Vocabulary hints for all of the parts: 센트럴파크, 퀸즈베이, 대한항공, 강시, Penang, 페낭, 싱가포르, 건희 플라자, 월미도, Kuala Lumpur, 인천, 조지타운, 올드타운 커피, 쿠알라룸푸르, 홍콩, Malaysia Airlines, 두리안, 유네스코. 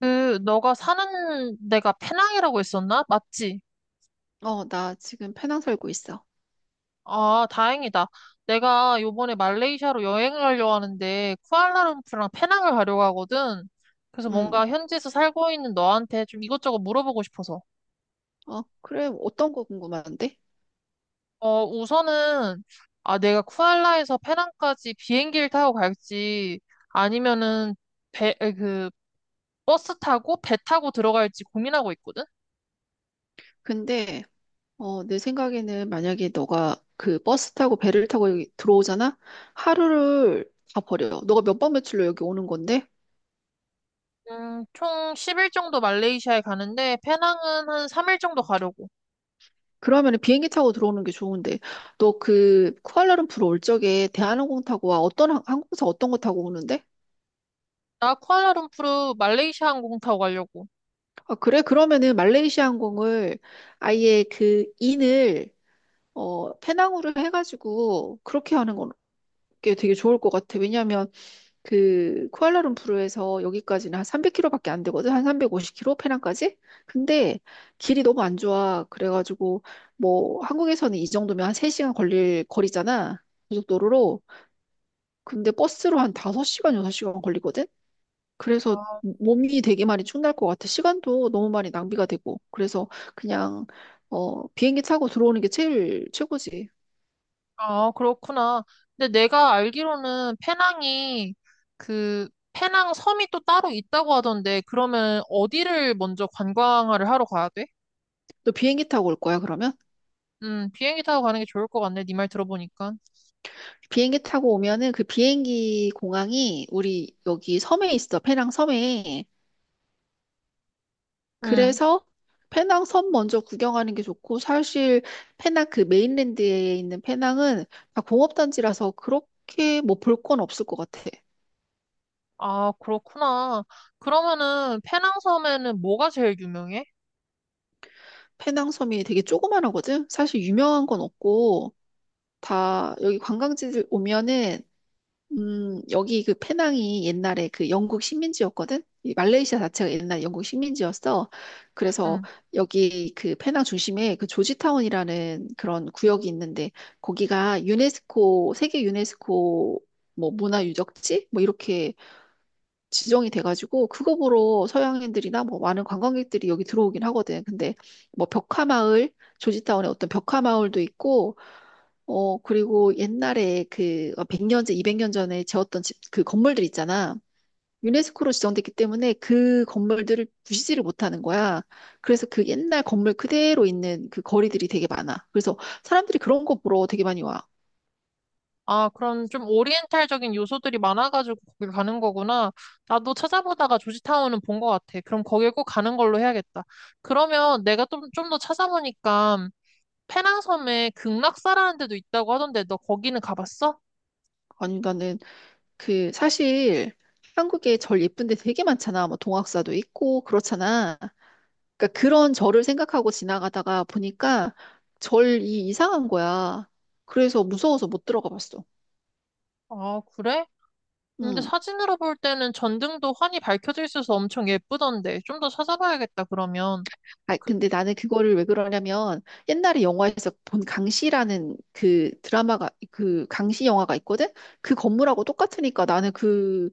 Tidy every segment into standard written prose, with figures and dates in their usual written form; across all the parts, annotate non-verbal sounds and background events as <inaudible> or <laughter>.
너가 사는 데가 페낭이라고 했었나? 맞지? 나 지금 페낭 살고 있어. 아, 다행이다. 내가 요번에 말레이시아로 여행을 가려고 하는데, 쿠알라룸푸랑 페낭을 가려고 하거든. 그래서 음. 뭔가 현지에서 살고 있는 너한테 좀 이것저것 물어보고 싶어서. 그래. 어떤 거 궁금한데? 우선은, 아, 내가 쿠알라에서 페낭까지 비행기를 타고 갈지, 아니면은, 배, 에, 그, 버스 타고 배 타고 들어갈지 고민하고 있거든? 근데 내 생각에는 만약에 너가 그 버스 타고 배를 타고 여기 들어오잖아? 하루를 다 버려. 너가 몇 박 며칠로 여기 오는 건데? 총 10일 정도 말레이시아에 가는데, 페낭은 한 3일 정도 가려고. 그러면 은 비행기 타고 들어오는 게 좋은데. 너 그 쿠알라룸푸르 올 적에 대한항공 타고 와. 어떤 항공사 어떤 거 타고 오는데? 나 쿠알라룸푸르 말레이시아 항공 타고 가려고. 아, 그래? 그러면은 말레이시아 항공을 아예 그 인을 페낭으로 해가지고 그렇게 하는 건 게 되게 좋을 것 같아. 왜냐하면 그 쿠알라룸푸르에서 여기까지는 한 300km밖에 안 되거든. 한 350km 페낭까지. 근데 길이 너무 안 좋아. 그래가지고 뭐 한국에서는 이 정도면 한 3시간 걸릴 거리잖아. 고속도로로. 근데 버스로 한 5시간, 6시간 걸리거든. 그래서 몸이 되게 많이 축날 것 같아. 시간도 너무 많이 낭비가 되고. 그래서 그냥 비행기 타고 들어오는 게 제일 최고지. 아, 그렇구나. 근데 내가 알기로는 페낭이 그 페낭 섬이 또 따로 있다고 하던데 그러면 어디를 먼저 관광을 하러 가야 돼? 너 비행기 타고 올 거야, 그러면? 비행기 타고 가는 게 좋을 것 같네. 네 말 들어보니까. 비행기 타고 오면은 그 비행기 공항이 우리 여기 섬에 있어. 페낭 섬에. 음. 그래서 페낭 섬 먼저 구경하는 게 좋고, 사실 페낭 그 메인랜드에 있는 페낭은 다 공업단지라서 그렇게 뭐 볼 건 없을 것 같아. 아, 그렇구나. 그러면은 페낭 섬에는 뭐가 제일 유명해? 페낭 섬이 되게 조그만하거든. 사실 유명한 건 없고 다 여기 관광지들 오면은 여기 그 페낭이 옛날에 그 영국 식민지였거든? 이 말레이시아 자체가 옛날 영국 식민지였어. 그래서 음. 여기 그 페낭 중심에 그 조지타운이라는 그런 구역이 있는데, 거기가 유네스코, 세계 유네스코 뭐 문화유적지? 뭐 이렇게 지정이 돼가지고 그거 보러 서양인들이나 뭐 많은 관광객들이 여기 들어오긴 하거든. 근데 뭐 벽화마을, 조지타운에 어떤 벽화마을도 있고, 그리고 옛날에 그 100년째, 200년 전에 지었던 집, 그 건물들 있잖아. 유네스코로 지정됐기 때문에 그 건물들을 부시지를 못하는 거야. 그래서 그 옛날 건물 그대로 있는 그 거리들이 되게 많아. 그래서 사람들이 그런 거 보러 되게 많이 와. 아, 그런 좀 오리엔탈적인 요소들이 많아가지고 거길 가는 거구나. 나도 찾아보다가 조지타운은 본 것 같아. 그럼 거길 꼭 가는 걸로 해야겠다. 그러면 내가 좀 더 찾아보니까 페낭섬에 극락사라는 데도 있다고 하던데 너 거기는 가봤어? 아니, 나는 그 사실 한국에 절 예쁜 데 되게 많잖아. 뭐 동학사도 있고 그렇잖아. 그러니까 그런 절을 생각하고 지나가다가 보니까 절이 이상한 거야. 그래서 무서워서 못 들어가 봤어. 아, 그래? 근데 음. 사진으로 볼 때는 전등도 환히 밝혀져 있어서 엄청 예쁘던데. 좀 더 찾아봐야겠다, 그러면. 아, 그, 근데 나는 그거를 왜 그러냐면 옛날에 영화에서 본 강시라는 그 드라마가 그 강시 영화가 있거든. 그 건물하고 똑같으니까 나는 그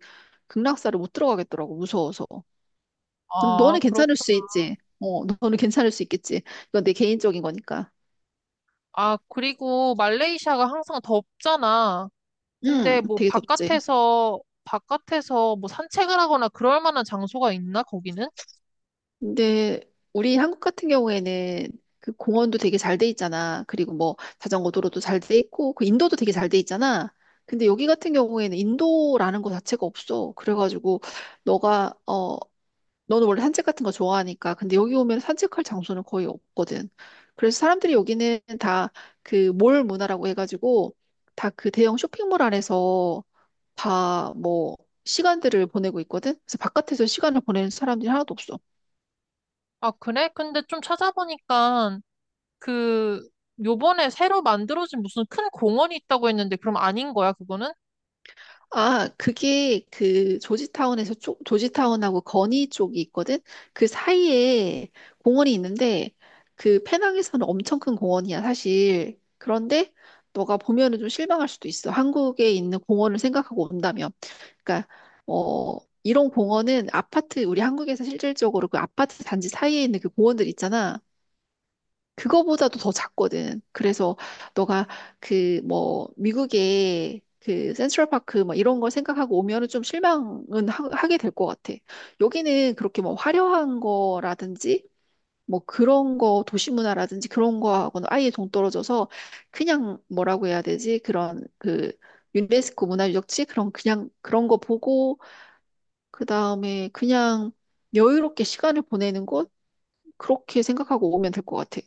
극락사를 못 들어가겠더라고. 무서워서. 근데 아, 너는 그렇구 괜찮을 수 있지. 너는 괜찮을 수 있겠지. 이건 내 개인적인 거니까. 아, 그리고 말레이시아가 항상 덥잖아. 응, 근데 뭐 되게 덥지. 바깥에서 뭐 산책을 하거나 그럴 만한 장소가 있나 거기는? 근데 우리 한국 같은 경우에는 그 공원도 되게 잘 돼 있잖아. 그리고 뭐 자전거 도로도 잘 돼 있고, 그 인도도 되게 잘 돼 있잖아. 근데 여기 같은 경우에는 인도라는 거 자체가 없어. 그래가지고 너가 어 너는 원래 산책 같은 거 좋아하니까. 근데 여기 오면 산책할 장소는 거의 없거든. 그래서 사람들이 여기는 다 그 몰 문화라고 해가지고 다 그 대형 쇼핑몰 안에서 다 뭐 시간들을 보내고 있거든. 그래서 바깥에서 시간을 보내는 사람들이 하나도 없어. 아, 그래? 근데 좀 찾아보니까 그 요번에 새로 만들어진 무슨 큰 공원이 있다고 했는데 그럼 아닌 거야, 그거는? 아, 그게 그 조지타운에서 조지타운하고 건희 쪽이 있거든. 그 사이에 공원이 있는데 그 페낭에서는 엄청 큰 공원이야, 사실. 그런데 너가 보면은 좀 실망할 수도 있어. 한국에 있는 공원을 생각하고 온다면. 그러니까 어 이런 공원은 아파트 우리 한국에서 실질적으로 그 아파트 단지 사이에 있는 그 공원들 있잖아. 그거보다도 더 작거든. 그래서 너가 그 뭐 미국의 그 센트럴파크 막 이런 걸 생각하고 오면은 좀 실망은 게 될 것 같아. 여기는 그렇게 뭐 화려한 거라든지 뭐 그런 거 도시 문화라든지 그런 거하고는 아예 동떨어져서 그냥 뭐라고 해야 되지? 그런 그 유네스코 문화유적지 그런 그냥 그런 거 보고 그다음에 그냥 여유롭게 시간을 보내는 곳, 그렇게 생각하고 오면 될 것 같아.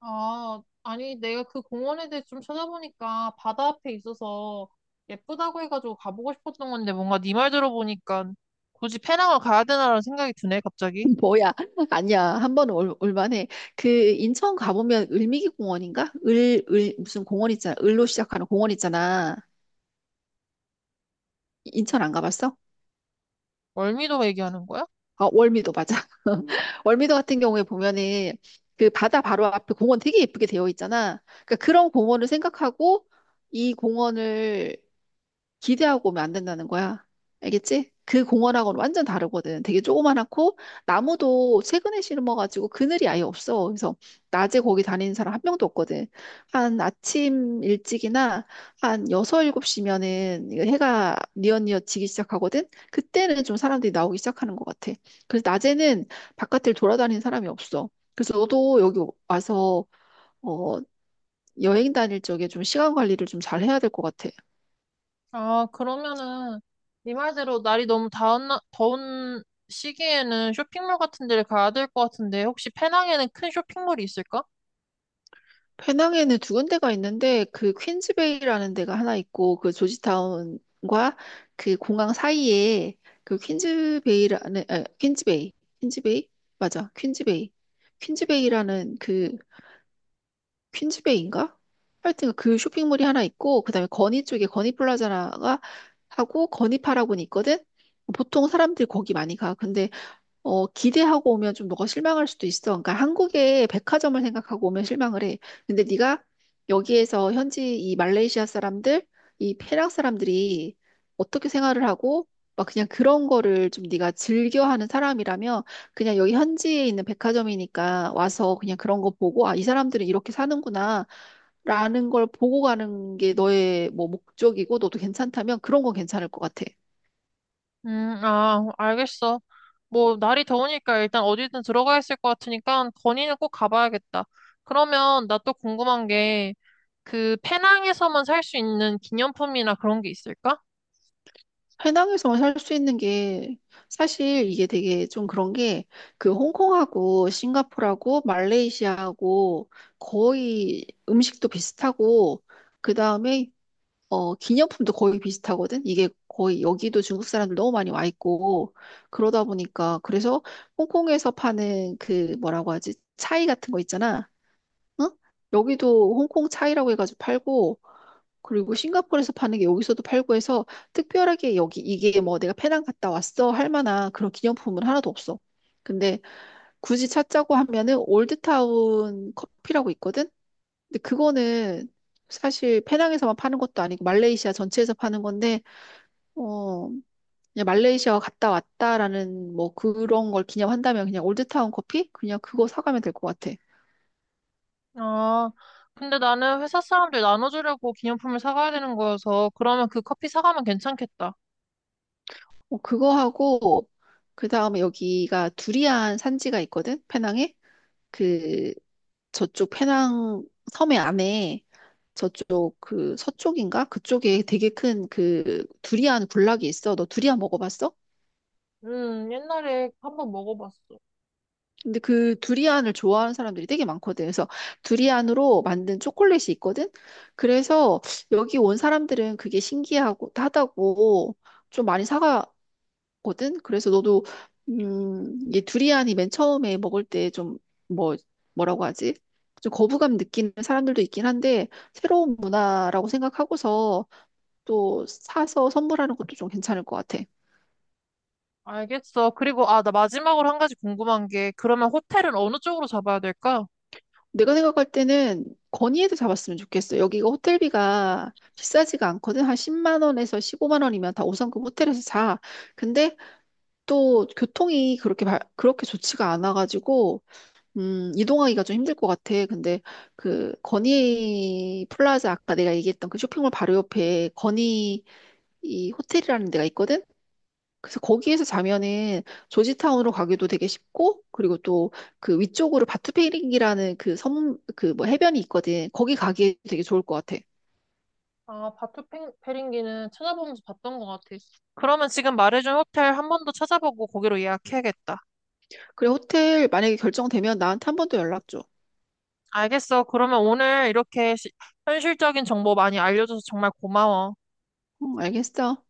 아, 아니 내가 그 공원에 대해 좀 찾아보니까 바다 앞에 있어서 예쁘다고 해가지고 가보고 싶었던 건데 뭔가 네 말 들어보니까 굳이 페낭을 가야 되나라는 생각이 드네, 갑자기. 뭐야? <laughs> 아니야. 한 번은 올만해. 그 인천 가보면 을미기 공원인가? 무슨 공원 있잖아. 을로 시작하는 공원 있잖아. 인천 안 가봤어? 월미도 얘기하는 거야? 아, 월미도 맞아. <laughs> 월미도 같은 경우에 보면은 그 바다 바로 앞에 공원 되게 예쁘게 되어 있잖아. 그러니까 그런 공원을 생각하고 이 공원을 기대하고 오면 안 된다는 거야. 알겠지? 그 공원하고는 완전 다르거든. 되게 조그만하고 나무도 최근에 심어가지고 그늘이 아예 없어. 그래서 낮에 거기 다니는 사람 한 명도 없거든. 한 아침 일찍이나 한 여섯 일곱 시면은 해가 뉘엿뉘엿 지기 시작하거든. 그때는 좀 사람들이 나오기 시작하는 것 같아. 그래서 낮에는 바깥을 돌아다니는 사람이 없어. 그래서 너도 여기 와서 어, 여행 다닐 적에 좀 시간 관리를 좀 잘 해야 될 것 같아. 아, 그러면은 네 말대로 날이 너무 더운 시기에는 쇼핑몰 같은 데를 가야 될 것 같은데 혹시 페낭에는 큰 쇼핑몰이 있을까? 페낭에는 두 군데가 있는데 그 퀸즈베이라는 데가 하나 있고, 그 조지타운과 그 공항 사이에 그 퀸즈베이라는, 아, 퀸즈베이, 퀸즈베이, 맞아 퀸즈베이, 퀸즈베이라는 그 퀸즈베이인가? 하여튼 그 쇼핑몰이 하나 있고, 그다음에 건희 쪽에 건희 플라자가 하고 건희 파라곤이 있거든. 보통 사람들이 거기 많이 가. 근데 기대하고 오면 좀 너가 실망할 수도 있어. 그러니까 한국의 백화점을 생각하고 오면 실망을 해. 근데 네가 여기에서 현지 이 말레이시아 사람들, 이 페랑 사람들이 어떻게 생활을 하고 막 그냥 그런 거를 좀 네가 즐겨하는 사람이라면 그냥 여기 현지에 있는 백화점이니까 와서 그냥 그런 거 보고 아, 이 사람들은 이렇게 사는구나 라는 걸 보고 가는 게 너의 뭐 목적이고 너도 괜찮다면 그런 건 괜찮을 것 같아. 아, 알겠어. 뭐 날이 더우니까 일단 어디든 들어가 있을 것 같으니까 건의는 꼭 가봐야겠다. 그러면 나 또 궁금한 게 그 페낭에서만 살 수 있는 기념품이나 그런 게 있을까? 해낭에서만 살 수 있는 게 사실 이게 되게 좀 그런 게 그 홍콩하고 싱가포르하고 말레이시아하고 거의 음식도 비슷하고 그다음에 기념품도 거의 비슷하거든. 이게 거의 여기도 중국 사람들 너무 많이 와 있고 그러다 보니까, 그래서 홍콩에서 파는 그 뭐라고 하지? 차이 같은 거 있잖아. 응? 여기도 홍콩 차이라고 해가지고 팔고, 그리고 싱가포르에서 파는 게 여기서도 팔고 해서 특별하게 여기 이게 뭐 내가 페낭 갔다 왔어 할 만한 그런 기념품은 하나도 없어. 근데 굳이 찾자고 하면은 올드타운 커피라고 있거든? 근데 그거는 사실 페낭에서만 파는 것도 아니고 말레이시아 전체에서 파는 건데 어 그냥 말레이시아 갔다 왔다라는 뭐 그런 걸 기념한다면 그냥 올드타운 커피 그냥 그거 사가면 될 것 같아. 아, 근데 나는 회사 사람들 나눠주려고 기념품을 사가야 되는 거여서 그러면 그 커피 사가면 괜찮겠다. 그거 하고 그 다음에 여기가 두리안 산지가 있거든 페낭에. 그 저쪽 페낭 섬의 안에 저쪽 그 서쪽인가? 그쪽에 되게 큰 그 두리안 군락이 있어. 너 두리안 먹어봤어? 옛날에 한번 먹어봤어. 근데 그 두리안을 좋아하는 사람들이 되게 많거든. 그래서 두리안으로 만든 초콜릿이 있거든. 그래서 여기 온 사람들은 그게 신기하고 하다고 좀 많이 사가 거든. 그래서 너도 이 두리안이 맨 처음에 먹을 때 좀 뭐, 뭐라고 하지? 좀 거부감 느끼는 사람들도 있긴 한데 새로운 문화라고 생각하고서 또 사서 선물하는 것도 좀 괜찮을 것 같아. 알겠어. 아, 나 마지막으로 한 가지 궁금한 게, 그러면 호텔은 어느 쪽으로 잡아야 될까? 내가 생각할 때는 건의해도 잡았으면 좋겠어. 여기가 호텔비가 비싸지가 않거든. 한 10만 원에서 15만 원이면 다 5성급 호텔에서 자. 근데 또 교통이 그렇게 그렇게 좋지가 않아가지고 이동하기가 좀 힘들 것 같아. 근데 그 건희 플라자 아까 내가 얘기했던 그 쇼핑몰 바로 옆에 건희 이 호텔이라는 데가 있거든. 그래서 거기에서 자면은 조지타운으로 가기도 되게 쉽고, 그리고 또 그 위쪽으로 바투페링이라는 그 섬, 그 뭐 해변이 있거든. 거기 가기 되게 좋을 것 같아. 아, 페링기는 찾아보면서 봤던 것 같아. 그러면 지금 말해준 호텔 한 번 더 찾아보고 거기로 예약해야겠다. 그래, 호텔 만약에 결정되면 나한테 한 번 더 연락 줘. 알겠어. 그러면 오늘 이렇게 현실적인 정보 많이 알려줘서 정말 고마워. 응, 알겠어.